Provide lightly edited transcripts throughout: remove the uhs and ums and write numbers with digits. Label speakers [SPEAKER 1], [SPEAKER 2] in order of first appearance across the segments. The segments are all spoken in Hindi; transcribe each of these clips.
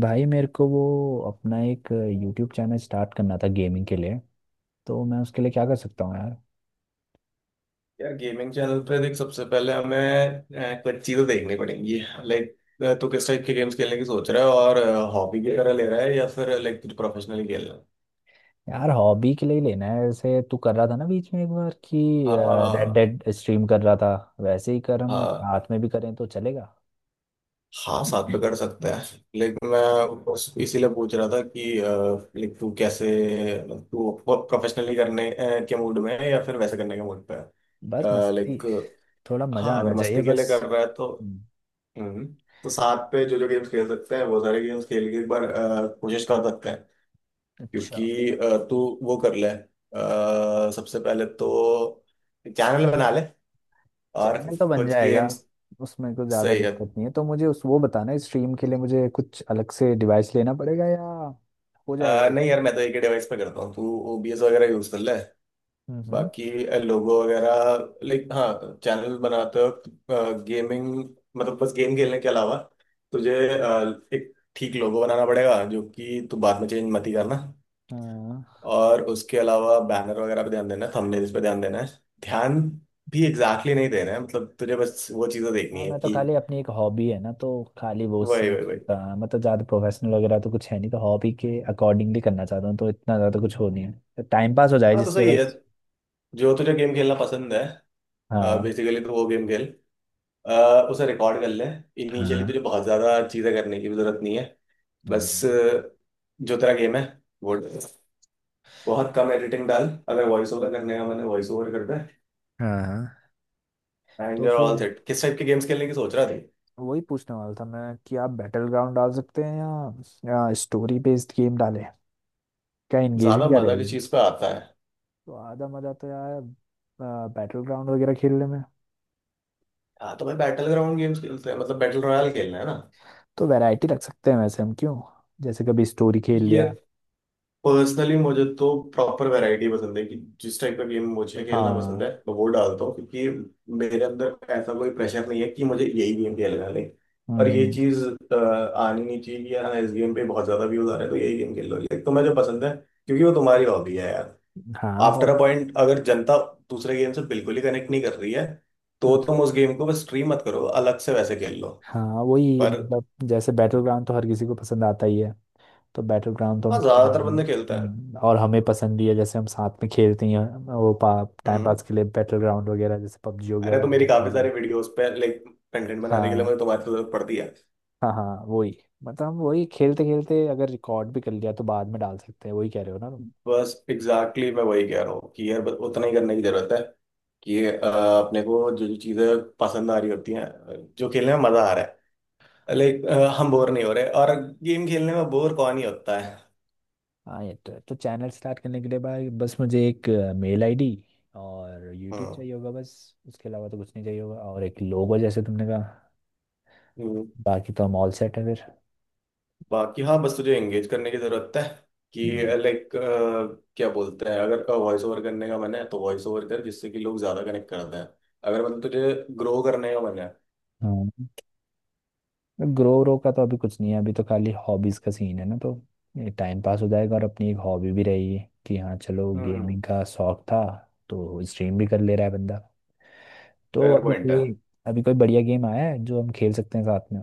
[SPEAKER 1] भाई मेरे को वो अपना एक यूट्यूब चैनल स्टार्ट करना था गेमिंग के लिए। तो मैं उसके लिए क्या कर सकता हूँ यार।
[SPEAKER 2] यार गेमिंग चैनल पे देख, सबसे पहले हमें कुछ चीजें देखनी पड़ेंगी। लाइक तू किस टाइप के गेम्स खेलने की सोच रहा है, और हॉबी की तरह ले रहा है या फिर लाइक तुझे प्रोफेशनली खेलना है?
[SPEAKER 1] यार हॉबी के लिए ही लेना है, ऐसे तू कर रहा था ना बीच में एक बार कि रेड, हाँ,
[SPEAKER 2] हाँ।
[SPEAKER 1] डेड स्ट्रीम कर रहा था। वैसे ही कर हम
[SPEAKER 2] हाँ।
[SPEAKER 1] रात में भी करें तो चलेगा।
[SPEAKER 2] हाँ, साथ में कर सकते हैं। लेकिन मैं इसीलिए पूछ रहा था कि लाइक तू कैसे, तू प्रोफेशनली करने के मूड में है या फिर वैसे करने के मूड पे
[SPEAKER 1] बस
[SPEAKER 2] है,
[SPEAKER 1] मस्ती।
[SPEAKER 2] लाइक।
[SPEAKER 1] थोड़ा मजा
[SPEAKER 2] हाँ,
[SPEAKER 1] आना
[SPEAKER 2] अगर
[SPEAKER 1] चाहिए
[SPEAKER 2] मस्ती के
[SPEAKER 1] बस।
[SPEAKER 2] लिए कर रहा है तो।
[SPEAKER 1] हम्म।
[SPEAKER 2] हम्म। तो साथ पे जो जो गेम्स खेल सकते हैं वो सारे गेम्स खेल के एक बार कोशिश कर सकते हैं।
[SPEAKER 1] अच्छा।
[SPEAKER 2] क्योंकि तू वो कर ले, सबसे पहले तो चैनल बना ले। और
[SPEAKER 1] चैनल तो बन
[SPEAKER 2] कुछ
[SPEAKER 1] जाएगा।
[SPEAKER 2] गेम्स।
[SPEAKER 1] उसमें कुछ ज़्यादा
[SPEAKER 2] सही है।
[SPEAKER 1] दिक्कत नहीं है, तो मुझे उस वो बताना स्ट्रीम के लिए मुझे कुछ अलग से डिवाइस लेना पड़ेगा या हो जाएगा।
[SPEAKER 2] नहीं यार, मैं तो एक ही डिवाइस पे करता हूँ। तू ओबीएस वगैरह यूज कर ले।
[SPEAKER 1] हम्म।
[SPEAKER 2] बाकी लोगो वगैरह, लाइक, हाँ, चैनल बनाते वक्त गेमिंग, मतलब बस गेम खेलने के अलावा तुझे एक ठीक लोगो बनाना पड़ेगा जो कि तू बाद में चेंज मत ही करना।
[SPEAKER 1] हाँ।
[SPEAKER 2] और उसके अलावा बैनर वगैरह पे ध्यान देना है, थंबनेल्स पे ध्यान देना है। ध्यान भी एग्जैक्टली exactly नहीं देना है, मतलब तुझे बस वो चीज़ें देखनी
[SPEAKER 1] हाँ,
[SPEAKER 2] है
[SPEAKER 1] मैं तो
[SPEAKER 2] कि।
[SPEAKER 1] खाली अपनी एक हॉबी है ना तो खाली वो से
[SPEAKER 2] वही वही वही।
[SPEAKER 1] मतलब ज़्यादा प्रोफेशनल वगैरह तो कुछ है नहीं, तो हॉबी के अकॉर्डिंगली करना चाहता हूँ, तो इतना ज़्यादा कुछ हो नहीं है, टाइम पास हो जाए
[SPEAKER 2] हाँ तो
[SPEAKER 1] जिससे
[SPEAKER 2] सही है,
[SPEAKER 1] बस।
[SPEAKER 2] जो तुझे गेम खेलना पसंद है
[SPEAKER 1] हाँ।
[SPEAKER 2] बेसिकली तो वो गेम खेल। अ, उसे रिकॉर्ड कर ले। इनिशियली तुझे
[SPEAKER 1] हाँ।
[SPEAKER 2] बहुत ज़्यादा चीज़ें करने की भी ज़रूरत नहीं है।
[SPEAKER 1] हाँ।
[SPEAKER 2] बस जो तेरा गेम है वो, बहुत कम एडिटिंग डाल, अगर वॉइस ओवर करने का मैंने वॉइस ओवर कर दे,
[SPEAKER 1] हाँ। हाँ।
[SPEAKER 2] एंड
[SPEAKER 1] तो
[SPEAKER 2] यू आर ऑल
[SPEAKER 1] फिर
[SPEAKER 2] सेट। किस टाइप के गेम्स खेलने की सोच रहा थी?
[SPEAKER 1] वही पूछने वाला था मैं कि आप बैटल ग्राउंड डाल सकते हैं या स्टोरी बेस्ड गेम डालें। क्या एंगेजिंग
[SPEAKER 2] ज़्यादा
[SPEAKER 1] क्या
[SPEAKER 2] मज़ा किस
[SPEAKER 1] रहेगी।
[SPEAKER 2] चीज़ पे आता है?
[SPEAKER 1] तो आधा मज़ा तो यार बैटल ग्राउंड वगैरह खेलने में।
[SPEAKER 2] हाँ तो मैं, बैटल ग्राउंड गेम्स खेलते हैं मतलब बैटल रॉयल खेलना है ना।
[SPEAKER 1] तो वैरायटी रख सकते हैं वैसे हम, क्यों? जैसे कभी स्टोरी खेल
[SPEAKER 2] ये
[SPEAKER 1] लिया।
[SPEAKER 2] पर्सनली मुझे तो प्रॉपर वैरायटी पसंद है, कि जिस टाइप का गेम मुझे खेलना पसंद
[SPEAKER 1] हाँ।
[SPEAKER 2] है मैं वो डालता हूँ, क्योंकि मेरे अंदर ऐसा कोई प्रेशर नहीं है कि मुझे यही गेम खेलना है, नहीं। और ये
[SPEAKER 1] हम्म।
[SPEAKER 2] चीज आनी नहीं चाहिए कि यार, हाँ, इस गेम पे बहुत ज्यादा व्यूज आ रहे हैं तो यही गेम खेल लो, लेकिन तुम्हें जो पसंद है क्योंकि वो तुम्हारी हॉबी है यार।
[SPEAKER 1] हाँ।
[SPEAKER 2] आफ्टर अ
[SPEAKER 1] हॉब
[SPEAKER 2] पॉइंट अगर जनता दूसरे गेम से बिल्कुल ही कनेक्ट नहीं कर रही है तो
[SPEAKER 1] हाँ
[SPEAKER 2] तुम उस गेम को बस स्ट्रीम मत करो, अलग से वैसे खेल लो।
[SPEAKER 1] हाँ, वही
[SPEAKER 2] पर,
[SPEAKER 1] मतलब जैसे बैटल ग्राउंड तो हर किसी को पसंद आता ही है। तो बैटल ग्राउंड तो हम
[SPEAKER 2] हाँ,
[SPEAKER 1] खेल
[SPEAKER 2] ज्यादातर बंदे खेलता है।
[SPEAKER 1] हम्म, और हमें पसंद भी है, जैसे हम साथ में खेलते ही हैं। वो टाइम
[SPEAKER 2] हम्म।
[SPEAKER 1] पास के लिए बैटल ग्राउंड वगैरह, जैसे पबजी हो गया,
[SPEAKER 2] अरे तो मेरी
[SPEAKER 1] Valorant हो
[SPEAKER 2] काफी
[SPEAKER 1] गया।
[SPEAKER 2] सारी वीडियोस पे, लाइक, कंटेंट बनाने के लिए
[SPEAKER 1] हाँ।
[SPEAKER 2] मुझे तुम्हारी जरूरत पड़ती है।
[SPEAKER 1] हाँ। हाँ। वही मतलब हम वही खेलते खेलते अगर रिकॉर्ड भी कर लिया, तो बाद में डाल सकते हैं, वही कह रहे हो ना तुम।
[SPEAKER 2] बस एग्जैक्टली exactly मैं वही कह रहा हूँ कि यार बस उतना ही करने की जरूरत है, कि अपने को जो जो चीजें पसंद आ रही होती हैं, जो खेलने में मजा आ रहा है, लाइक, हम बोर नहीं हो रहे, और गेम खेलने में बोर कौन ही होता है।
[SPEAKER 1] हाँ ये तो है। तो चैनल स्टार्ट करने के लिए भाई, बस मुझे एक मेल आईडी और यूट्यूब चाहिए होगा, बस उसके अलावा तो कुछ नहीं चाहिए होगा, और एक लोगो जैसे तुमने कहा।
[SPEAKER 2] हम्म।
[SPEAKER 1] बाकी तो हम ऑल सेट है फिर।
[SPEAKER 2] बाकी हाँ, बस तुझे एंगेज करने की जरूरत है, कि लाइक क्या बोलते हैं, अगर वॉइस ओवर करने का मन है तो वॉइस ओवर कर, जिससे कि लोग ज्यादा कनेक्ट करते हैं, अगर मतलब तुझे ग्रो करने का मन है।
[SPEAKER 1] हाँ। ग्रो व्रो का तो अभी कुछ नहीं है, अभी तो खाली हॉबीज का सीन है ना, तो टाइम पास हो जाएगा और अपनी एक हॉबी भी रहेगी कि हाँ चलो
[SPEAKER 2] हम्म।
[SPEAKER 1] गेमिंग का शौक था। तो स्ट्रीम भी कर ले रहा है बंदा। तो
[SPEAKER 2] फेयर पॉइंट है।
[SPEAKER 1] अभी कोई बढ़िया गेम आया है जो हम खेल सकते हैं साथ में।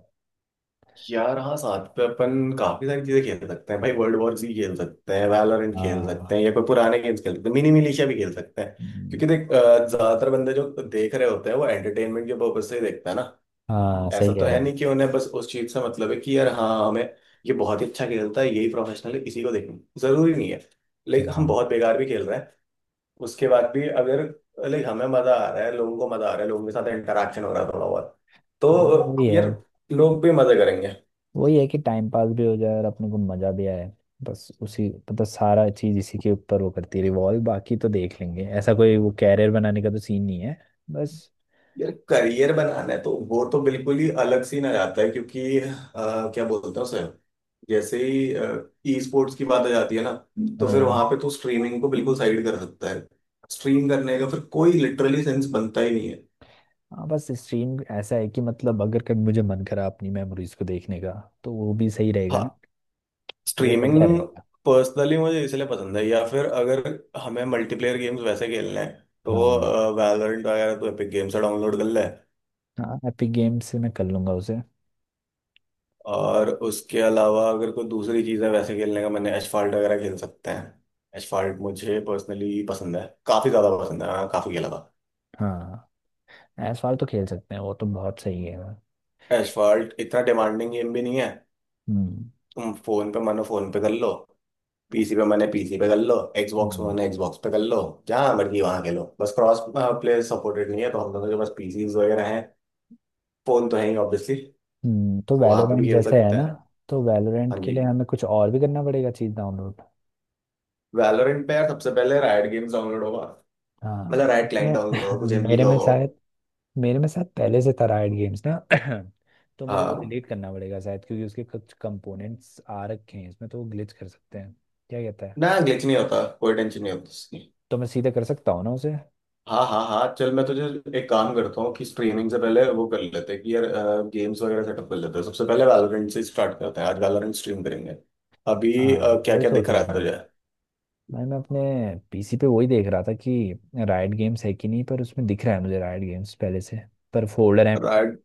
[SPEAKER 2] यार हाँ साथ पे अपन काफी सारी चीजें खेल सकते हैं भाई, वर्ल्ड वॉर जी खेल सकते हैं, वैलोरेंट खेल सकते हैं,
[SPEAKER 1] हाँ
[SPEAKER 2] या कोई पुराने गेम्स खेल सकते हैं, मिनी मिलिशिया भी खेल सकते हैं।
[SPEAKER 1] हम्म।
[SPEAKER 2] क्योंकि देख, ज्यादातर बंदे जो देख रहे होते हैं वो एंटरटेनमेंट के पर्पज से ही देखते हैं ना।
[SPEAKER 1] हाँ
[SPEAKER 2] ऐसा
[SPEAKER 1] सही
[SPEAKER 2] तो
[SPEAKER 1] कह
[SPEAKER 2] है
[SPEAKER 1] रहे हैं।
[SPEAKER 2] नहीं कि उन्हें बस उस चीज से मतलब है कि यार हाँ हमें, ये बहुत ही अच्छा खेलता है यही प्रोफेशनल है, इसी को देखना जरूरी नहीं है। लाइक हम
[SPEAKER 1] हाँ।
[SPEAKER 2] बहुत बेकार भी खेल रहे हैं, उसके बाद भी अगर, लाइक, हमें मजा आ रहा है, लोगों को मजा आ रहा है, लोगों के साथ इंटरेक्शन हो रहा है थोड़ा बहुत,
[SPEAKER 1] हाँ
[SPEAKER 2] तो
[SPEAKER 1] वही है।
[SPEAKER 2] यार लोग भी मजे करेंगे।
[SPEAKER 1] वही है कि टाइम पास भी हो जाए और अपने को मजा भी आए। बस उसी मतलब सारा चीज इसी के ऊपर वो करती है रिवॉल्व, बाकी तो देख लेंगे, ऐसा कोई वो कैरियर बनाने का तो सीन नहीं है। बस।
[SPEAKER 2] यार करियर बनाना है तो वो तो बिल्कुल ही अलग सीन आ जाता है, क्योंकि क्या बोलते हैं उसे, जैसे ही ई स्पोर्ट्स की बात आ जाती है ना, तो फिर
[SPEAKER 1] हाँ।
[SPEAKER 2] वहां पे तू स्ट्रीमिंग को बिल्कुल साइड कर सकता है, स्ट्रीम करने का फिर कोई लिटरली सेंस बनता ही नहीं है।
[SPEAKER 1] हाँ, बस स्ट्रीम ऐसा है कि मतलब अगर कभी मुझे मन करा अपनी मेमोरीज को देखने का, तो वो भी सही रहेगा ना।
[SPEAKER 2] हाँ।
[SPEAKER 1] वो बढ़िया
[SPEAKER 2] स्ट्रीमिंग
[SPEAKER 1] रहेगा।
[SPEAKER 2] पर्सनली मुझे इसलिए पसंद है, या फिर अगर हमें मल्टीप्लेयर गेम्स वैसे खेलने हैं
[SPEAKER 1] हाँ।
[SPEAKER 2] तो वैलोरेंट वगैरह तो एपिक गेम्स से डाउनलोड कर ले।
[SPEAKER 1] हाँ एपिक गेम से मैं कर लूंगा उसे।
[SPEAKER 2] और उसके अलावा अगर कोई दूसरी चीज़ है वैसे खेलने का, मैंने एसफॉल्ट वगैरह खेल सकते हैं। एसफॉल्ट मुझे पर्सनली पसंद है, काफ़ी ज़्यादा पसंद है, हाँ, काफ़ी खेला था।
[SPEAKER 1] हाँ एसवाल तो खेल सकते हैं, वो तो बहुत सही है।
[SPEAKER 2] एसफॉल्ट इतना डिमांडिंग गेम भी नहीं है।
[SPEAKER 1] हम्म।
[SPEAKER 2] तुम फ़ोन पे मानो फ़ोन पे कर लो, पीसी पे मैंने पीसी पे कर लो, Xbox पे
[SPEAKER 1] हम्म।
[SPEAKER 2] मैंने Xbox पे कर लो। जहाँ मर्जी वहाँ खेलो, बस क्रॉस प्ले सपोर्टेड नहीं है, तो हम लोगों के पास पीसीज वगैरह हैं, फ़ोन तो है ही ऑब्वियसली,
[SPEAKER 1] तो
[SPEAKER 2] वहाँ पे
[SPEAKER 1] वैलोरेंट
[SPEAKER 2] भी
[SPEAKER 1] ये
[SPEAKER 2] खेल
[SPEAKER 1] जैसे तो है
[SPEAKER 2] सकते
[SPEAKER 1] ना होता
[SPEAKER 2] हैं।
[SPEAKER 1] है, तो वैलोरेंट
[SPEAKER 2] हाँ
[SPEAKER 1] के लिए
[SPEAKER 2] जी।
[SPEAKER 1] हमें कुछ और भी करना पड़ेगा चीज डाउनलोड।
[SPEAKER 2] वैलोरेंट पे यार सबसे पहले रायट गेम्स डाउनलोड होगा, मतलब
[SPEAKER 1] हाँ,
[SPEAKER 2] रायट क्लाइंट
[SPEAKER 1] मैं-
[SPEAKER 2] डाउनलोड होगा, कुछ एमबी
[SPEAKER 1] मेरे
[SPEAKER 2] का
[SPEAKER 1] में
[SPEAKER 2] होगा वो।
[SPEAKER 1] शायद पहले से था राइट गेम्स ना। तो मुझे वो
[SPEAKER 2] हाँ।
[SPEAKER 1] डिलीट करना पड़ेगा शायद, क्योंकि उसके कुछ कंपोनेंट्स आ रखे हैं इसमें, तो वो ग्लिच कर सकते हैं। क्या कहता है।
[SPEAKER 2] ना, ग्लिच नहीं होता, कोई टेंशन नहीं होती इसकी।
[SPEAKER 1] तो मैं सीधे कर सकता हूँ ना उसे।
[SPEAKER 2] हाँ हाँ हाँ, चल मैं तुझे एक काम करता हूँ कि स्ट्रीमिंग से पहले वो कर लेते हैं कि यार गेम्स वगैरह सेटअप कर लेते हैं, सबसे पहले वैलोरेंट से स्टार्ट करते हैं, आज वैलोरेंट स्ट्रीम करेंगे अभी।
[SPEAKER 1] हाँ
[SPEAKER 2] क्या
[SPEAKER 1] वही
[SPEAKER 2] क्या
[SPEAKER 1] सोच
[SPEAKER 2] दिख रहा
[SPEAKER 1] रहा
[SPEAKER 2] है
[SPEAKER 1] था मैं।
[SPEAKER 2] तुझे?
[SPEAKER 1] मैं अपने PC पे वही देख रहा था कि राइट गेम्स है कि नहीं, पर उसमें दिख रहा है मुझे राइट गेम्स पहले से, पर फोल्डर एम्प्टी।
[SPEAKER 2] राइट।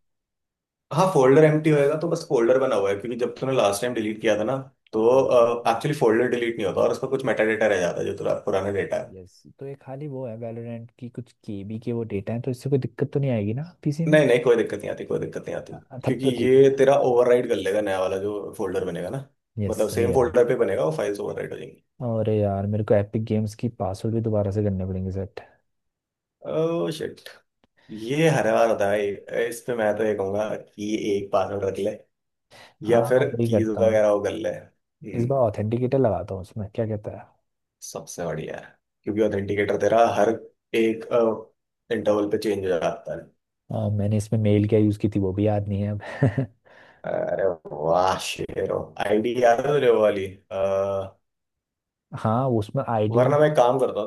[SPEAKER 2] हाँ फोल्डर एम्प्टी होएगा तो, बस फोल्डर बना हुआ है क्योंकि जब तूने लास्ट टाइम डिलीट किया था ना, तो
[SPEAKER 1] हाँ।
[SPEAKER 2] एक्चुअली फोल्डर डिलीट नहीं होता और उसका कुछ मेटा डेटा रह जाता है जो तेरा पुराना डेटा है।
[SPEAKER 1] यस, तो ये खाली वो है, वैलोरेंट की कुछ KB के वो डेटा है, तो इससे कोई दिक्कत तो नहीं आएगी ना पीसी में।
[SPEAKER 2] नहीं नहीं, कोई दिक्कत नहीं आती, कोई दिक्कत नहीं आती।
[SPEAKER 1] हाँ, तब
[SPEAKER 2] क्योंकि
[SPEAKER 1] तो ठीक
[SPEAKER 2] ये
[SPEAKER 1] है।
[SPEAKER 2] तेरा ओवरराइड कर लेगा, नया वाला जो फोल्डर बनेगा ना,
[SPEAKER 1] यस
[SPEAKER 2] मतलब
[SPEAKER 1] सही
[SPEAKER 2] सेम
[SPEAKER 1] है।
[SPEAKER 2] फोल्डर पे बनेगा वो, फाइल्स ओवरराइड हो जाएंगी।
[SPEAKER 1] और यार मेरे को एपिक गेम्स की पासवर्ड भी दोबारा से करने पड़ेंगे सेट।
[SPEAKER 2] ओह शिट, ये हर बार होता है। इस पे मैं तो ये कहूंगा कि एक पासवर्ड रख ले, या
[SPEAKER 1] हाँ
[SPEAKER 2] फिर
[SPEAKER 1] वही
[SPEAKER 2] कीज
[SPEAKER 1] करता हूँ।
[SPEAKER 2] वगैरह वो कर ले।
[SPEAKER 1] इस
[SPEAKER 2] हम्म।
[SPEAKER 1] बार ऑथेंटिकेटर लगाता हूँ उसमें, क्या कहता है।
[SPEAKER 2] सबसे बढ़िया है, क्योंकि ऑथेंटिकेटर तेरा हर एक इंटरवल पे चेंज हो जाता है।
[SPEAKER 1] मैंने इसमें मेल क्या यूज़ की थी वो भी याद नहीं है अब।
[SPEAKER 2] अरे वाह शेरो, आईडी याद है तुझे वो वाली? अ,
[SPEAKER 1] हाँ उसमें आईडी
[SPEAKER 2] वरना
[SPEAKER 1] मेरी।
[SPEAKER 2] मैं एक काम करता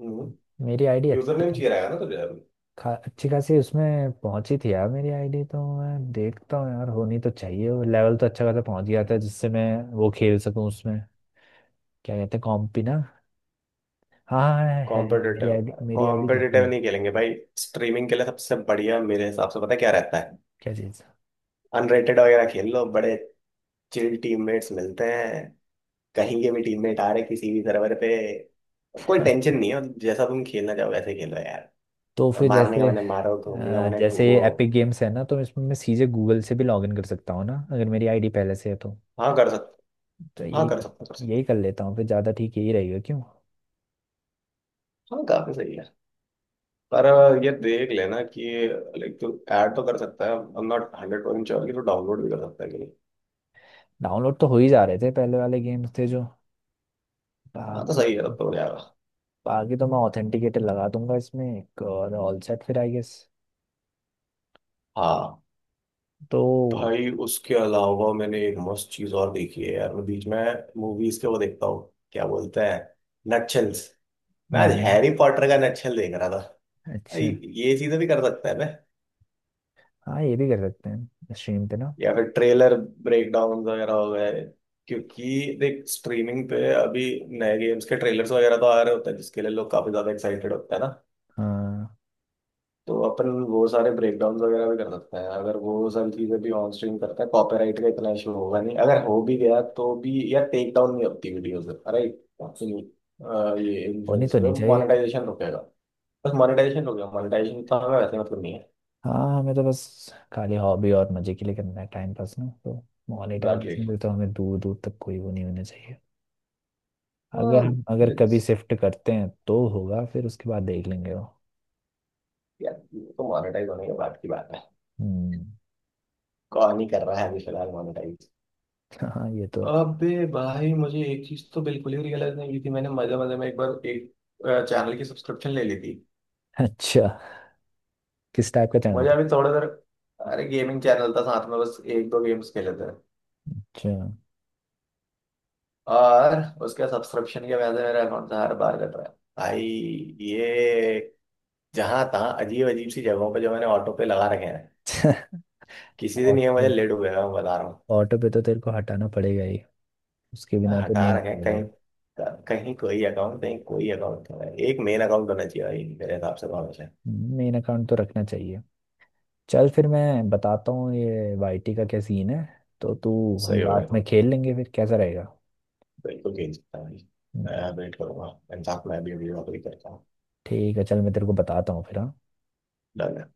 [SPEAKER 2] हूँ,
[SPEAKER 1] मेरी आईडी
[SPEAKER 2] यूजर
[SPEAKER 1] अच्छी
[SPEAKER 2] नेम चाहिए
[SPEAKER 1] खासी।
[SPEAKER 2] रहेगा ना तुझे।
[SPEAKER 1] अच्छी खासी उसमें पहुंची थी यार मेरी आईडी, तो मैं देखता हूँ यार, होनी तो चाहिए, वो लेवल तो अच्छा खासा पहुंच गया था जिससे मैं वो खेल सकूँ उसमें। क्या कहते हैं, कॉम्पी ना। हाँ हाँ, हाँ, है मेरी
[SPEAKER 2] कॉम्पिटिटिव।
[SPEAKER 1] आईडी, दिख रही
[SPEAKER 2] कॉम्पिटिटिव
[SPEAKER 1] है।
[SPEAKER 2] नहीं खेलेंगे भाई, स्ट्रीमिंग के लिए सबसे बढ़िया मेरे हिसाब से पता क्या रहता है,
[SPEAKER 1] क्या चीज़।
[SPEAKER 2] अनरेटेड वगैरह खेल लो, बड़े चिल टीममेट्स मिलते हैं, कहीं के भी टीममेट आ रहे किसी भी सर्वर पे, कोई टेंशन नहीं है, मतलब जैसा तुम खेलना चाहो वैसे खेलो यार,
[SPEAKER 1] तो फिर
[SPEAKER 2] मारने का मैंने मारो, घूमने का मैंने
[SPEAKER 1] जैसे
[SPEAKER 2] घूमो।
[SPEAKER 1] एपिक गेम्स है ना, तो इसमें मैं सीधे गूगल से भी लॉग इन कर सकता हूँ ना, अगर मेरी आईडी पहले से है तो।
[SPEAKER 2] हाँ कर सकते।
[SPEAKER 1] तो
[SPEAKER 2] हाँ कर सकते कर सकते।
[SPEAKER 1] यही कर लेता हूँ फिर, ज़्यादा ठीक यही रहेगा क्यों।
[SPEAKER 2] हाँ काफी सही है। पर ये देख लेना कि लाइक तू ऐड तो कर सकता है, I am not hundred percent sure कि तू डाउनलोड भी कर सकता है कि नहीं।
[SPEAKER 1] डाउनलोड तो हो ही जा रहे थे, पहले वाले गेम्स थे जो।
[SPEAKER 2] हाँ तो
[SPEAKER 1] बाकी।
[SPEAKER 2] सही है, तब तो हो जाएगा।
[SPEAKER 1] तो मैं ऑथेंटिकेटर लगा दूंगा इसमें एक, और ऑल सेट फिर आई गेस।
[SPEAKER 2] हाँ।
[SPEAKER 1] तो।
[SPEAKER 2] भाई उसके अलावा मैंने एक मस्त चीज और देखी है यार, मैं बीच में मूवीज के वो देखता हूँ, क्या बोलते हैं, नटशेल्स। मैं आज
[SPEAKER 1] हम्म।
[SPEAKER 2] हैरी पॉटर का नटशेल देख रहा था भाई,
[SPEAKER 1] अच्छा।
[SPEAKER 2] ये चीजें भी कर सकते हैं ना,
[SPEAKER 1] हाँ ये भी कर सकते हैं स्ट्रीम पे ना।
[SPEAKER 2] या फिर ट्रेलर ब्रेकडाउन वगैरह हो गए। क्योंकि देख स्ट्रीमिंग पे अभी नए गेम्स के ट्रेलर्स वगैरह तो आ रहे होते हैं जिसके लिए लोग काफी ज्यादा एक्साइटेड होते हैं ना,
[SPEAKER 1] हाँ
[SPEAKER 2] तो अपन वो सारे ब्रेकडाउन वगैरह भी कर सकते हैं। अगर वो सारी चीजें भी ऑन स्ट्रीम करता है, कॉपीराइट का इतना इशू होगा नहीं, अगर हो भी गया तो भी यार टेक डाउन नहीं होती वीडियो, से राइट ये
[SPEAKER 1] होनी
[SPEAKER 2] इन्फ्लुएंस
[SPEAKER 1] तो
[SPEAKER 2] पे
[SPEAKER 1] नहीं चाहिए।
[SPEAKER 2] मोनेटाइजेशन रुकेगा, बस मोनेटाइजेशन रुकेगा, मोनेटाइजेशन तो हमें वैसे मतलब नहीं है।
[SPEAKER 1] हाँ हमें तो बस खाली हॉबी और मजे के लिए करना है टाइम पास ना, तो
[SPEAKER 2] एग्जैक्टली।
[SPEAKER 1] मोनेटाइजेशन से तो हमें दूर दूर तक कोई वो नहीं होना चाहिए। अगर कभी शिफ्ट करते हैं तो होगा, फिर उसके बाद देख लेंगे वो।
[SPEAKER 2] यार ये तो मोनेटाइज होने के बाद की बात है,
[SPEAKER 1] हम्म।
[SPEAKER 2] कौन ही कर रहा है अभी फिलहाल मोनेटाइज।
[SPEAKER 1] हाँ ये तो है।
[SPEAKER 2] अबे भाई, मुझे एक चीज तो बिल्कुल ही रियलाइज नहीं की थी, मैंने मजे मजे में एक बार एक चैनल की सब्सक्रिप्शन ले ली थी।
[SPEAKER 1] अच्छा। किस टाइप का चैनल।
[SPEAKER 2] मुझे अभी थोड़ा देर, अरे गेमिंग चैनल था, साथ में बस एक दो गेम्स खेले थे।
[SPEAKER 1] अच्छा।
[SPEAKER 2] और उसके सब्सक्रिप्शन के वजह से मेरा अकाउंट हर बार कट रहा है भाई, ये जहां तहाँ अजीब अजीब सी जगहों पे जो मैंने ऑटो पे लगा रखे हैं, किसी दिन ये
[SPEAKER 1] ऑटो
[SPEAKER 2] मुझे
[SPEAKER 1] पे।
[SPEAKER 2] लेट हुएगा, मैं बता रहा हूँ।
[SPEAKER 1] ऑटो पे तो तेरे को हटाना पड़ेगा ही। उसके बिना तो
[SPEAKER 2] हटा
[SPEAKER 1] नहीं
[SPEAKER 2] रखे हैं
[SPEAKER 1] होगा।
[SPEAKER 2] कहीं कहीं कोई अकाउंट, कहीं कोई अकाउंट नहीं, एक मेन अकाउंट होना चाहिए भाई मेरे हिसाब से तो, से
[SPEAKER 1] मेन अकाउंट तो रखना चाहिए। चल फिर मैं बताता हूँ ये YT का क्या सीन है। तो तू। हम
[SPEAKER 2] सही होगा।
[SPEAKER 1] रात में खेल लेंगे फिर, कैसा रहेगा।
[SPEAKER 2] बिल्कुल खेल सकता हूँ भाई।
[SPEAKER 1] हम्म।
[SPEAKER 2] मैं वेट करूंगा इंसाफ, मैं भी अभी नौकरी करता हूँ।
[SPEAKER 1] ठीक है, चल मैं तेरे को बताता हूँ फिर हाँ।
[SPEAKER 2] डन है।